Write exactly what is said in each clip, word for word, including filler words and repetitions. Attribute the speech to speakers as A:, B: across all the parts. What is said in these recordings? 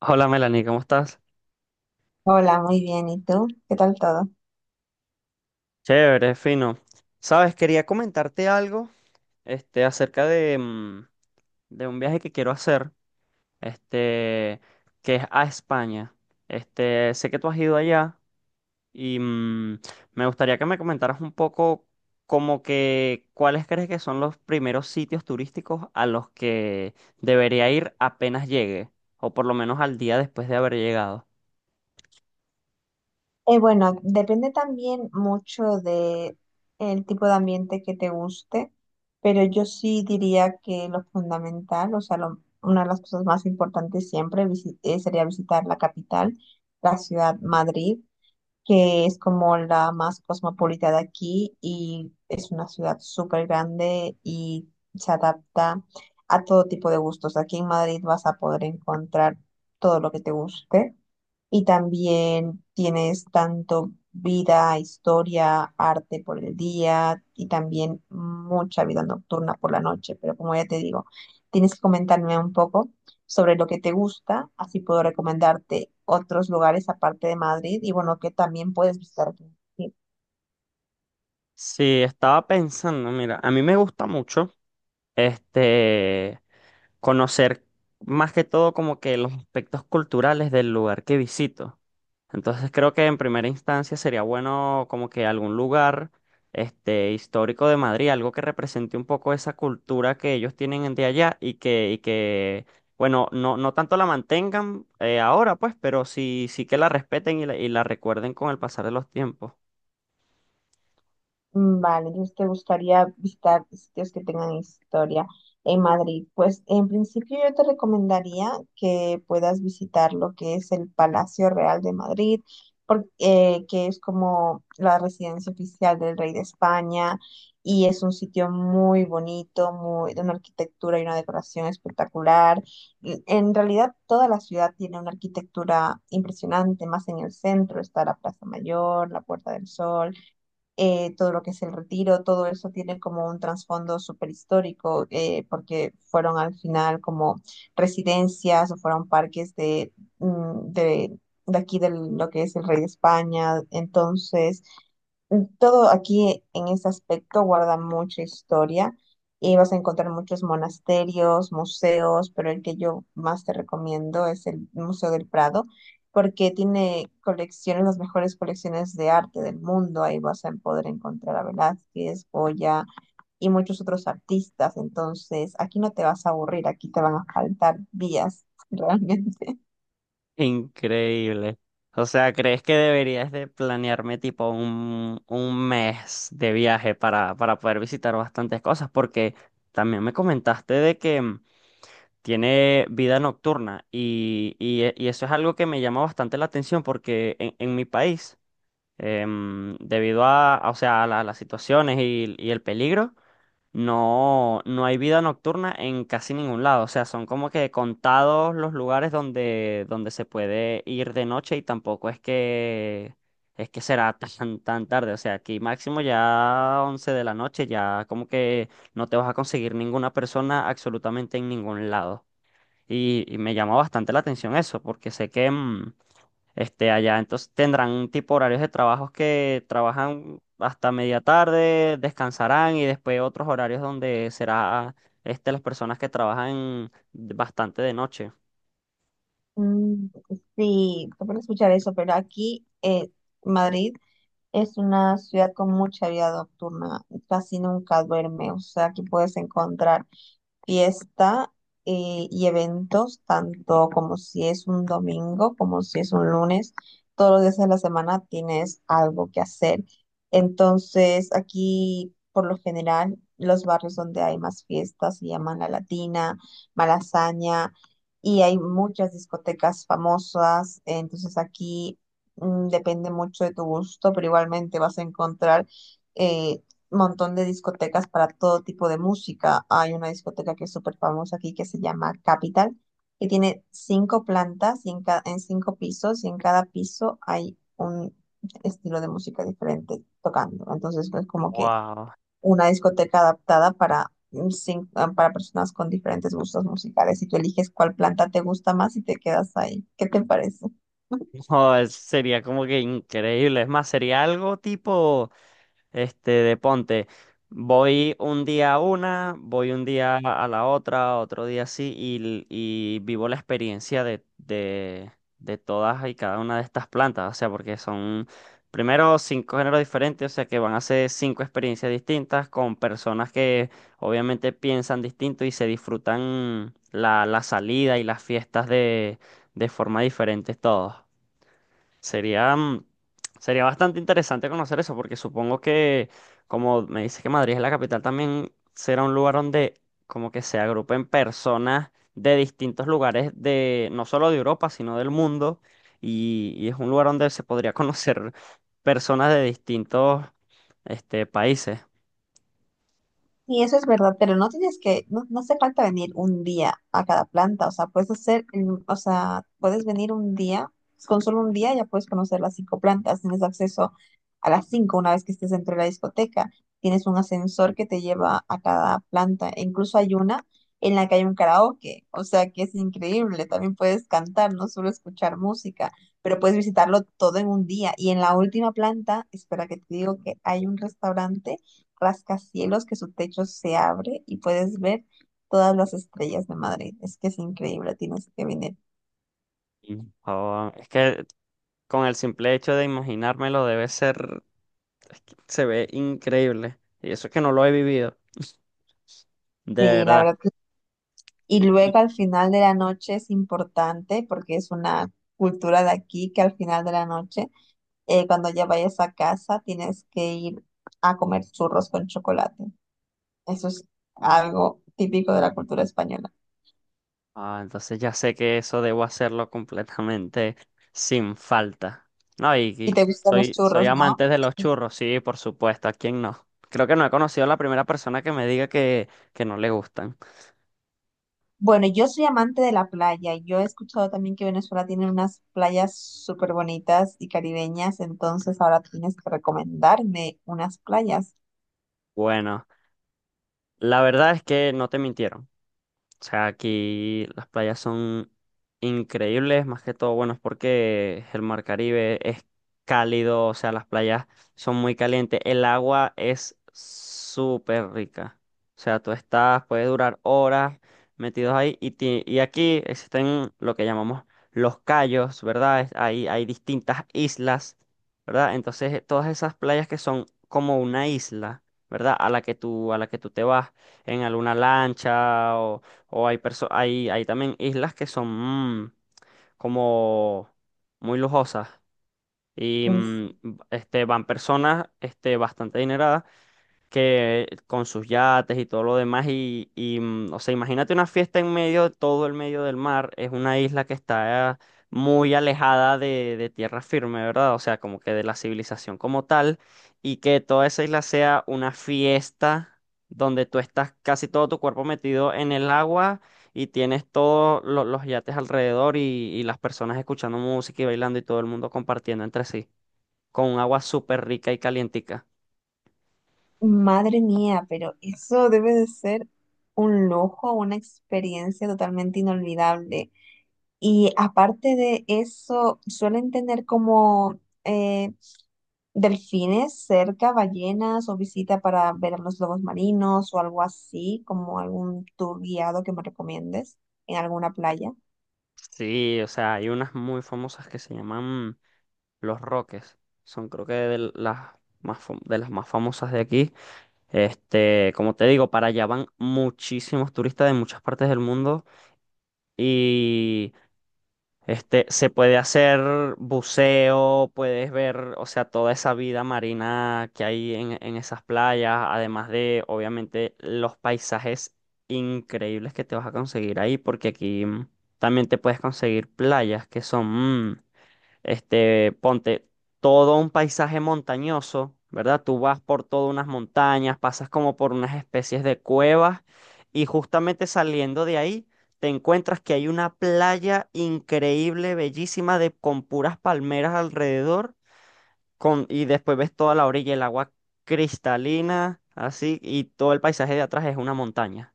A: Hola Melanie, ¿cómo estás?
B: Hola, muy bien. ¿Y tú? ¿Qué tal todo?
A: Chévere, fino. Sabes, quería comentarte algo, este, acerca de, mm, de un viaje que quiero hacer, este, que es a España. Este, sé que tú has ido allá y mm, me gustaría que me comentaras un poco como que cuáles crees que son los primeros sitios turísticos a los que debería ir apenas llegue, o por lo menos al día después de haber llegado.
B: Eh, bueno, Depende también mucho de el tipo de ambiente que te guste, pero yo sí diría que lo fundamental, o sea, lo- una de las cosas más importantes siempre visi- eh, sería visitar la capital, la ciudad Madrid, que es como la más cosmopolita de aquí y es una ciudad súper grande y se adapta a todo tipo de gustos. Aquí en Madrid vas a poder encontrar todo lo que te guste. Y también tienes tanto vida, historia, arte por el día y también mucha vida nocturna por la noche. Pero como ya te digo, tienes que comentarme un poco sobre lo que te gusta, así puedo recomendarte otros lugares aparte de Madrid y bueno, que también puedes visitar aquí.
A: Sí, estaba pensando, mira, a mí me gusta mucho, este, conocer más que todo como que los aspectos culturales del lugar que visito. Entonces creo que en primera instancia sería bueno como que algún lugar este, histórico de Madrid, algo que represente un poco esa cultura que ellos tienen en- de allá y que, y que bueno, no, no tanto la mantengan eh, ahora pues, pero sí, sí que la respeten y la, y la recuerden con el pasar de los tiempos.
B: Mm, Vale, entonces te gustaría visitar sitios que tengan historia en Madrid. Pues en principio yo te recomendaría que puedas visitar lo que es el Palacio Real de Madrid, por- eh, que es como la residencia oficial del rey de España y es un sitio muy bonito, muy, de una arquitectura y una decoración espectacular. Y en realidad toda la ciudad tiene una arquitectura impresionante, más en el centro está la Plaza Mayor, la Puerta del Sol eh, todo lo que es el retiro, todo eso tiene como un trasfondo súper histórico, eh, porque fueron al final como residencias o fueron parques de, mm, de, de aquí de lo que es el rey de España. Entonces, mm, todo aquí en ese aspecto guarda mucha historia y vas a encontrar muchos monasterios, museos, pero el que yo más te recomiendo es el Museo del Prado, porque tiene colecciones, las mejores colecciones de arte del mundo. Ahí vas a poder encontrar a Velázquez, Goya y muchos otros artistas. Entonces, aquí no te vas a aburrir, aquí te van a faltar vías realmente.
A: Increíble. O sea, ¿crees que deberías de planearme tipo un, un mes de viaje para, para poder visitar bastantes cosas? Porque también me comentaste de que mm, tiene vida nocturna y, y, e- y eso es algo que me llama bastante la atención porque en, en mi país, em, debido a, a- o sea, a la- las situaciones y, y el peligro, no, no hay vida nocturna en casi ningún lado. O sea, son como que contados los lugares donde, donde se puede ir de noche y tampoco es que es que será tan, tan tarde. O sea, aquí máximo ya once de la noche, ya como que no te vas a conseguir ninguna persona absolutamente en ningún lado. Y, y me llamó bastante la atención eso, porque sé que mm, este, allá. Entonces tendrán tipo horarios de trabajos que trabajan hasta media tarde, descansarán y después otros horarios donde será este, las personas que trabajan bastante de noche.
B: Mm, Sí, te pueden escuchar eso, pero aquí eh, Madrid es una ciudad con mucha vida nocturna, casi nunca duerme, o sea, aquí puedes encontrar fiesta eh, y eventos, tanto como si es un domingo, como si es un lunes, todos los días de la semana tienes algo que hacer. Entonces, aquí, por lo general, los barrios donde hay más fiestas se llaman La Latina, Malasaña, y hay muchas discotecas famosas. Entonces, aquí mm, depende mucho de tu gusto, pero igualmente vas a encontrar... eh, montón de discotecas para todo tipo de música. Hay una discoteca que es súper famosa aquí que se llama Capital, que tiene cinco plantas y en, ca- en cinco pisos, y en cada piso hay un estilo de música diferente tocando. Entonces, es como que
A: Wow,
B: una discoteca adaptada para, mm, cin- ah, para personas con diferentes gustos musicales y tú eliges cuál planta te gusta más y te quedas ahí. ¿Qué te parece?
A: no, es- sería como que increíble. Es más, sería algo tipo, Este, de ponte, voy un día a una, voy un día a la otra, otro día así, y, l- y vivo la experiencia de, de, de todas y cada una de estas plantas, o sea, porque son primero cinco géneros diferentes, o sea, que van a ser cinco experiencias distintas con personas que obviamente piensan distinto y se disfrutan la, la salida y las fiestas de, de forma diferente todos. Sería, mm, sería bastante interesante conocer eso, porque supongo que, como me dices que Madrid es la capital, también será un lugar donde como que se agrupen personas de distintos lugares de, no solo de Europa, sino del mundo, y, y es un lugar donde se podría conocer personas de distintos este, países.
B: Sí, eso es verdad, pero no tienes que, no, no hace falta venir un día a cada planta, o sea, puedes hacer, el- o sea, puedes venir un día, pues, con solo un día ya puedes conocer las cinco plantas, tienes acceso a las cinco una vez que estés dentro de la discoteca, tienes un ascensor que te lleva a cada planta, e incluso hay una en la que hay un karaoke, o sea, que es increíble, también puedes cantar, no solo escuchar música, pero puedes visitarlo todo en un día, y en la última planta, espera que te digo que hay un restaurante rascacielos que su techo se abre y puedes ver todas las estrellas de Madrid. Es que es increíble, tienes que venir.
A: Y, oh, es que con el simple hecho de imaginármelo debe ser, se ve increíble, y eso es que no lo he vivido. De
B: Sí, la
A: verdad.
B: verdad. que- Y
A: Y,
B: luego
A: y
B: al final de la noche es importante porque es una cultura de aquí que al final de la noche, eh, cuando ya vayas a casa, tienes que ir a comer churros con chocolate. Eso es algo típico de la cultura española.
A: Ah, entonces ya sé que eso debo hacerlo completamente sin falta. No, y,
B: Y
A: y
B: te gustan los
A: soy, soy
B: churros, ¿no?
A: amante de los churros, sí, por supuesto, ¿a quién no? Creo que no he conocido a la primera persona que me diga que, que no le gustan.
B: Bueno, yo soy amante de la playa. Y yo he escuchado también que Venezuela tiene unas playas súper bonitas y caribeñas, entonces ahora tienes que recomendarme unas playas.
A: Bueno, la verdad es que no te mintieron. O sea, aquí las playas son increíbles, más que todo, bueno, es porque el mar Caribe es cálido, o sea, las playas son muy calientes, el agua es súper rica. O sea, tú estás, puedes durar horas metidos ahí y, ti- y aquí existen lo que llamamos los cayos, ¿verdad? Es- Hay, hay distintas islas, ¿verdad? Entonces, eh, todas esas playas que son como una isla, ¿verdad? A la que tú, a la que tú te vas en alguna lancha o hay, perso- hay, hay también islas que son mm, como muy lujosas y
B: Es,
A: mm, este, van personas este, bastante adineradas que con sus yates y todo lo demás y, y, mm, o sea, imagínate una fiesta en medio de todo el medio del mar, es una isla que está muy alejada de, de tierra firme, ¿verdad? O sea, como que de la civilización como tal y que toda esa isla sea una fiesta donde tú estás casi todo tu cuerpo metido en el agua y tienes todos lo- los yates alrededor y, y las personas escuchando música y bailando y todo el mundo compartiendo entre sí, con un agua súper rica y calientica.
B: Madre mía, pero eso debe de ser un lujo, una experiencia totalmente inolvidable. Y aparte de eso, suelen tener como eh, delfines cerca, ballenas o visita para ver a los lobos marinos o algo así, como algún tour guiado que me recomiendes en alguna playa.
A: Sí, o sea, hay unas muy famosas que se llaman Los Roques. Son creo que de las más fam- de las más famosas de aquí. Este, como te digo, para allá van muchísimos turistas de muchas partes del mundo y este, se puede hacer buceo, puedes ver, o sea, toda esa vida marina que hay en, en esas playas, además de, obviamente, los paisajes increíbles que te vas a conseguir ahí, porque aquí mm, también te puedes conseguir playas que son, mm, este, ponte todo un paisaje montañoso, ¿verdad? Tú vas por todas unas montañas, pasas como por unas especies de cuevas y justamente saliendo de ahí te encuentras que hay una playa increíble, bellísima, de, con puras palmeras alrededor con, y después ves toda la orilla, el agua cristalina, así, y todo el paisaje de atrás es una montaña.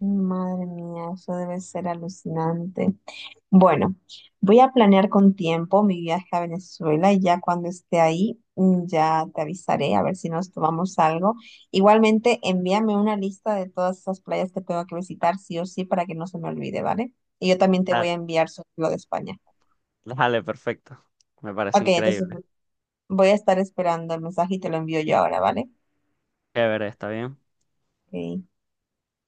B: Madre mía, eso debe ser alucinante. Bueno, voy a planear con tiempo mi viaje a Venezuela y ya cuando esté ahí, mm, ya te avisaré a ver si nos tomamos algo. Igualmente, envíame una lista de todas esas playas que tengo que visitar, sí o sí, para que no se me olvide, ¿vale? Y yo también te
A: Ah,
B: voy a enviar sobre lo de España.
A: dale, perfecto. Me parece
B: Ok, entonces
A: increíble.
B: voy a estar esperando el mensaje y te lo envío yo ahora, ¿vale?
A: Chévere, está bien.
B: Ok.